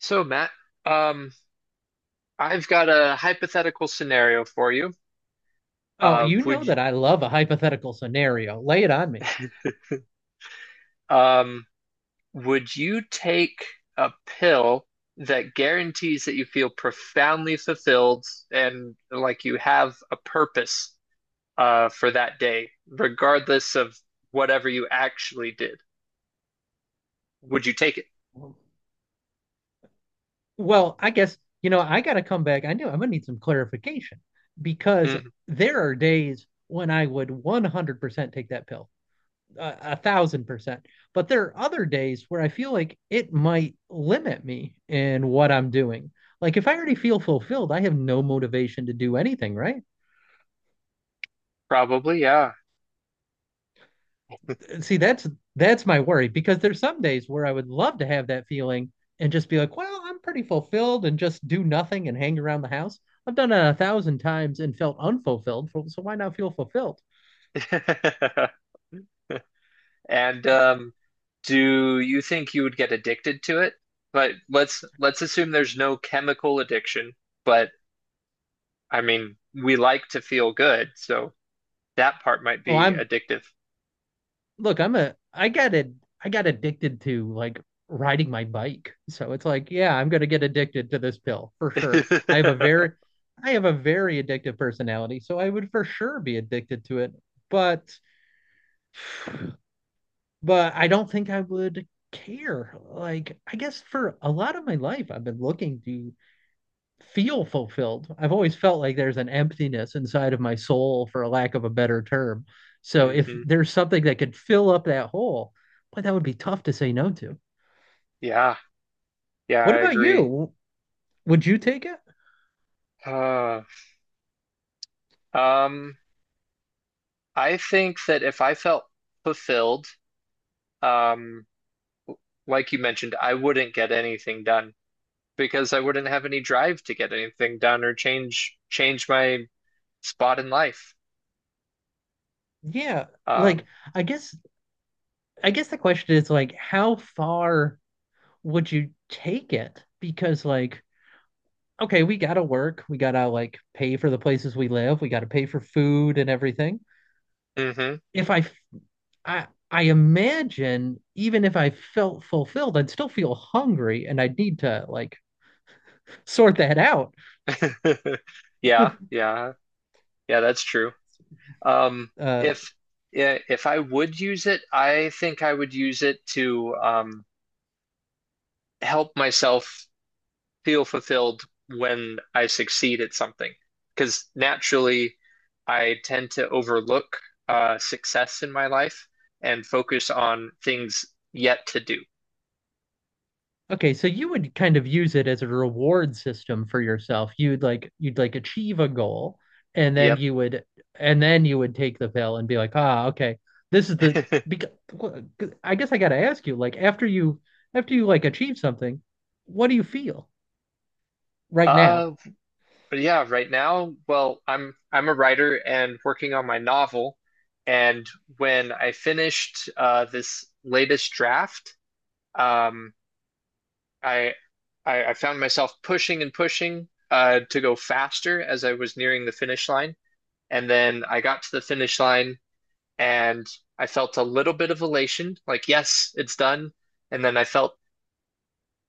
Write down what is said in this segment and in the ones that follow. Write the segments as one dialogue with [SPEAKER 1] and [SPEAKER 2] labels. [SPEAKER 1] So, Matt, um, I've got a hypothetical scenario for you.
[SPEAKER 2] Oh,
[SPEAKER 1] Uh,
[SPEAKER 2] you
[SPEAKER 1] would
[SPEAKER 2] know
[SPEAKER 1] you,
[SPEAKER 2] that I love a hypothetical scenario. Lay it on me.
[SPEAKER 1] um, would you take a pill that guarantees that you feel profoundly fulfilled and like you have a purpose for that day, regardless of whatever you actually did? Would you take it?
[SPEAKER 2] Well, I guess, I got to come back. I knew I'm going to need some clarification because
[SPEAKER 1] Mm,
[SPEAKER 2] there are days when I would 100% take that pill, 1000%. But there are other days where I feel like it might limit me in what I'm doing. Like if I already feel fulfilled, I have no motivation to do anything, right?
[SPEAKER 1] Probably, yeah.
[SPEAKER 2] See, that's my worry because there's some days where I would love to have that feeling and just be like, well, I'm pretty fulfilled and just do nothing and hang around the house. I've done it a thousand times and felt unfulfilled, so why not feel fulfilled?
[SPEAKER 1] And do you think you would get addicted to it? But let's assume there's no chemical addiction, but I mean, we like to feel good, so that part might
[SPEAKER 2] Oh,
[SPEAKER 1] be
[SPEAKER 2] I'm
[SPEAKER 1] addictive.
[SPEAKER 2] look, I'm a I got it I got addicted to like riding my bike. So it's like, yeah, I'm gonna get addicted to this pill for sure. I have a very addictive personality, so I would for sure be addicted to it. But but I don't think I would care. Like, I guess for a lot of my life, I've been looking to feel fulfilled. I've always felt like there's an emptiness inside of my soul, for a lack of a better term. So if
[SPEAKER 1] Hmm.
[SPEAKER 2] there's something that could fill up that hole, boy, that would be tough to say no to.
[SPEAKER 1] Yeah, yeah, I
[SPEAKER 2] What about
[SPEAKER 1] agree.
[SPEAKER 2] you? Would you take it?
[SPEAKER 1] Uh, um, I think that if I felt fulfilled, um, like you mentioned, I wouldn't get anything done because I wouldn't have any drive to get anything done or change my spot in life.
[SPEAKER 2] Yeah. Like,
[SPEAKER 1] Um,
[SPEAKER 2] I guess, I guess, the question is like, how far would you take it? Because like, okay, we gotta work. We gotta like pay for the places we live. We gotta pay for food and everything.
[SPEAKER 1] hmm.
[SPEAKER 2] If I imagine even if I felt fulfilled, I'd still feel hungry and I'd need to like sort that out.
[SPEAKER 1] Yeah, yeah, yeah, that's true. Um,
[SPEAKER 2] Uh,
[SPEAKER 1] if if I would use it, I think I would use it to help myself feel fulfilled when I succeed at something. Because naturally, I tend to overlook success in my life and focus on things yet to do.
[SPEAKER 2] Okay, so you would kind of use it as a reward system for yourself. You'd like achieve a goal and then
[SPEAKER 1] Yep.
[SPEAKER 2] you would take the pill and be like, "Ah, okay. This is the because I guess I got to ask you like after you like achieve something, what do you feel right now?
[SPEAKER 1] Uh, But yeah, right now, well, I'm a writer and working on my novel. And when I finished this latest draft, um, I, I found myself pushing and pushing to go faster as I was nearing the finish line. And then I got to the finish line and I felt a little bit of elation, like, yes, it's done. And then I felt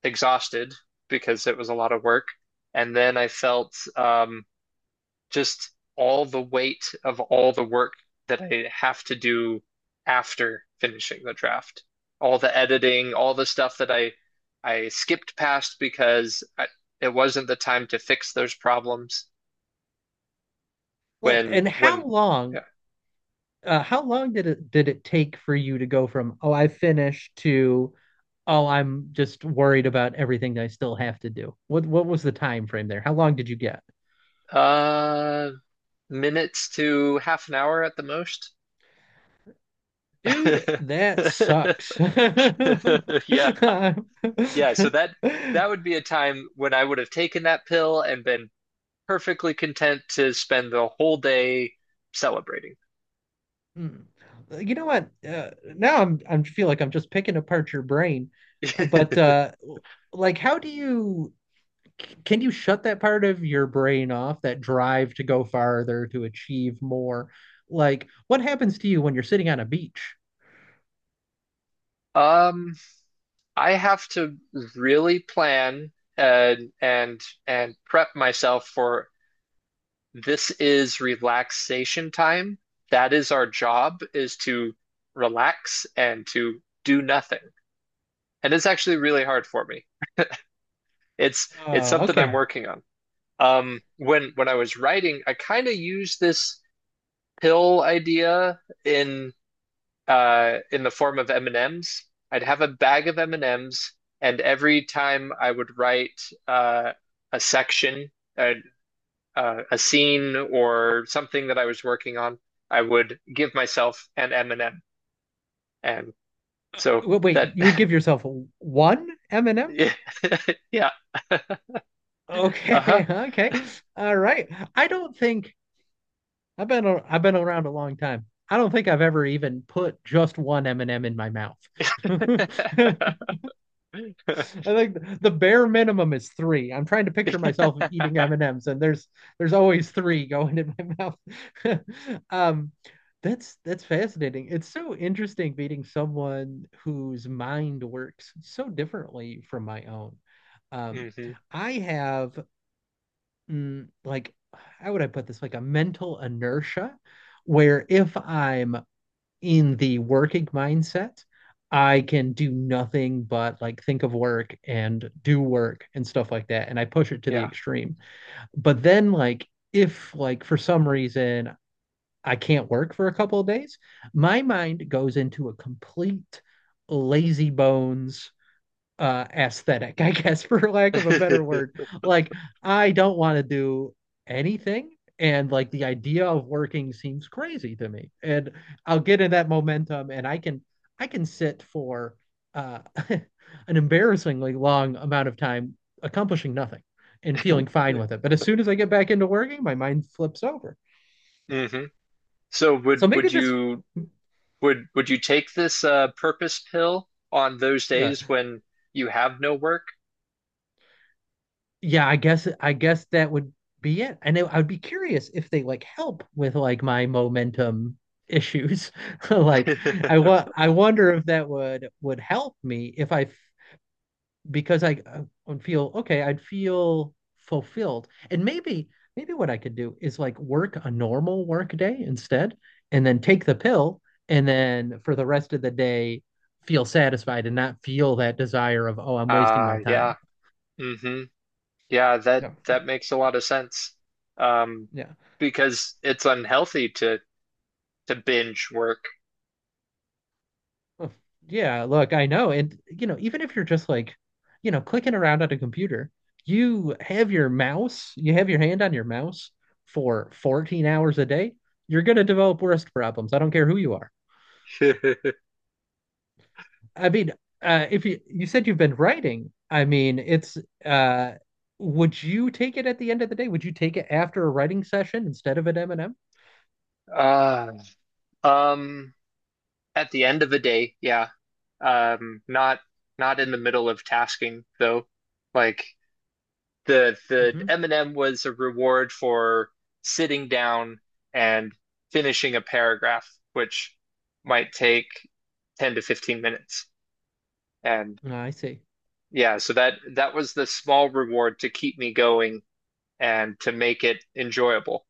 [SPEAKER 1] exhausted because it was a lot of work. And then I felt just all the weight of all the work that I have to do after finishing the draft. All the editing, all the stuff that I skipped past because it wasn't the time to fix those problems
[SPEAKER 2] Like, And how
[SPEAKER 1] when yeah.
[SPEAKER 2] long uh, how long did it take for you to go from, "Oh, I finished" to "Oh, I'm just worried about everything I still have to do"? What was the time frame there? How long did you get?
[SPEAKER 1] uh Minutes to half an hour at the most.
[SPEAKER 2] Dude, that sucks.
[SPEAKER 1] Yeah. Yeah, so that would be a time when I would have taken that pill and been perfectly content to spend the whole day celebrating.
[SPEAKER 2] Hmm. You know what? Now I feel like I'm just picking apart your brain. Uh, but uh, like, how do you? Can you shut that part of your brain off, that drive to go farther, to achieve more? Like, what happens to you when you're sitting on a beach?
[SPEAKER 1] Um, I have to really plan and prep myself for this is relaxation time. That is our job is to relax and to do nothing. And it's actually really hard for me. It's
[SPEAKER 2] Oh,
[SPEAKER 1] something I'm
[SPEAKER 2] okay.
[SPEAKER 1] working on. When I was writing, I kind of used this pill idea in the form of M&Ms. I'd have a bag of M&Ms, and M's, and every time I would write uh, a section, a, a scene, or something that I was working on, I would give myself an M&M. And M. And so
[SPEAKER 2] Wait, wait,
[SPEAKER 1] that,
[SPEAKER 2] you would give yourself one M&M?
[SPEAKER 1] yeah, yeah. Uh-huh.
[SPEAKER 2] Okay, okay. All right. I don't think I've been around a long time. I don't think I've ever even put just one M&M in my mouth. I think the bare minimum is three. I'm trying to picture myself eating M&Ms, and M's, and there's always three going in my mouth. Um, that's fascinating. It's so interesting meeting someone whose mind works so differently from my own. Um,
[SPEAKER 1] Hmm.
[SPEAKER 2] I have like how would I put this? Like a mental inertia where if I'm in the working mindset, I can do nothing but like think of work and do work and stuff like that. And I push it to the
[SPEAKER 1] Yeah.
[SPEAKER 2] extreme. But then like if like for some reason I can't work for a couple of days, my mind goes into a complete lazy bones aesthetic, I guess, for lack of a better word. Like, I don't want to do anything. And like the idea of working seems crazy to me. And I'll get in that momentum and I can sit for uh an embarrassingly long amount of time accomplishing nothing and feeling fine with it. But as soon as I get back into working, my mind flips over.
[SPEAKER 1] Hmm. So would
[SPEAKER 2] So maybe
[SPEAKER 1] would
[SPEAKER 2] this
[SPEAKER 1] you would you take this purpose pill on those
[SPEAKER 2] uh,
[SPEAKER 1] days when you have no work?
[SPEAKER 2] yeah, I guess that would be it. And I would be curious if they like help with like my momentum issues. Like I wonder if that would help me if I f- because I would feel okay, I'd feel fulfilled. And maybe what I could do is like work a normal work day instead and then take the pill and then for the rest of the day feel satisfied and not feel that desire of oh, I'm wasting my
[SPEAKER 1] Yeah.
[SPEAKER 2] time.
[SPEAKER 1] Hmm. Yeah, that
[SPEAKER 2] Yeah.
[SPEAKER 1] that makes a lot of sense. Um,
[SPEAKER 2] Yeah.
[SPEAKER 1] because it's unhealthy to binge work.
[SPEAKER 2] Oh, yeah, look, I know. And, even if you're just like, clicking around on a computer, you have your mouse, you have your hand on your mouse for 14 hours a day, you're going to develop wrist problems. I don't care who you are. I mean, if you said you've been writing, I mean, it's uh would you take it at the end of the day? Would you take it after a writing session instead of an M&M?
[SPEAKER 1] Uh, um, at the end of a day, yeah. Um, not not in the middle of tasking though. Like the
[SPEAKER 2] Mm-hmm.
[SPEAKER 1] M&M was a reward for sitting down and finishing a paragraph, which might take 10 to 15 minutes. And
[SPEAKER 2] I see.
[SPEAKER 1] yeah, so that was the small reward to keep me going and to make it enjoyable.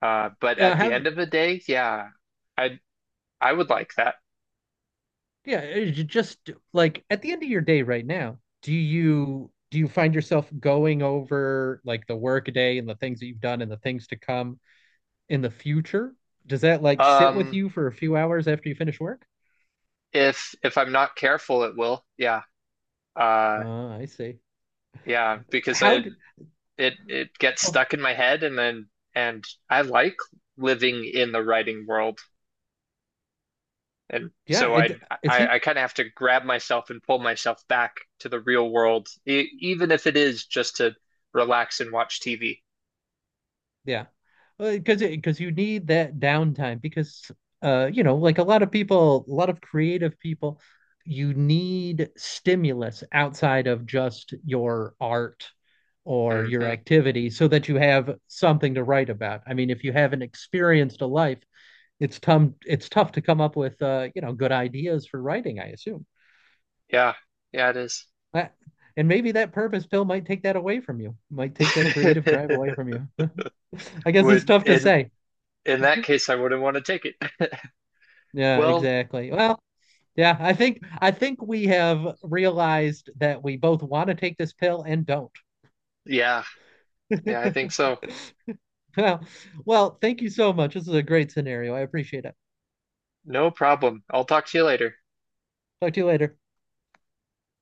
[SPEAKER 1] But at the
[SPEAKER 2] Have
[SPEAKER 1] end of the day, yeah, I I would like that.
[SPEAKER 2] Yeah, just like at the end of your day right now, do you find yourself going over like the work day and the things that you've done and the things to come in the future? Does that like sit with
[SPEAKER 1] Um,
[SPEAKER 2] you for a few hours after you finish work?
[SPEAKER 1] if I'm not careful, it will. Yeah. Uh,
[SPEAKER 2] I see.
[SPEAKER 1] yeah, because I
[SPEAKER 2] How d
[SPEAKER 1] it it gets
[SPEAKER 2] So
[SPEAKER 1] stuck in my head and then and I like living in the writing world. And
[SPEAKER 2] yeah,
[SPEAKER 1] so I
[SPEAKER 2] it
[SPEAKER 1] I,
[SPEAKER 2] seems.
[SPEAKER 1] I kind of have to grab myself and pull myself back to the real world, e even if it is just to relax and watch TV.
[SPEAKER 2] Yeah. Because you need that downtime because like a lot of creative people you need stimulus outside of just your art or your
[SPEAKER 1] Hmm.
[SPEAKER 2] activity so that you have something to write about. I mean if you haven't experienced a life it's tough to come up with good ideas for writing I assume.
[SPEAKER 1] Yeah, yeah, it is.
[SPEAKER 2] That- and maybe that purpose pill might take that away from you. Might take that creative drive away from you. I guess it's
[SPEAKER 1] Would
[SPEAKER 2] tough to say.
[SPEAKER 1] in that case, I wouldn't want to take it.
[SPEAKER 2] Yeah,
[SPEAKER 1] Well,
[SPEAKER 2] exactly. Well, yeah, I think we have realized that we both want to take this pill and don't.
[SPEAKER 1] yeah, yeah, I think so.
[SPEAKER 2] Well, well, thank you so much. This is a great scenario. I appreciate it.
[SPEAKER 1] No problem. I'll talk to you later.
[SPEAKER 2] Talk to you later.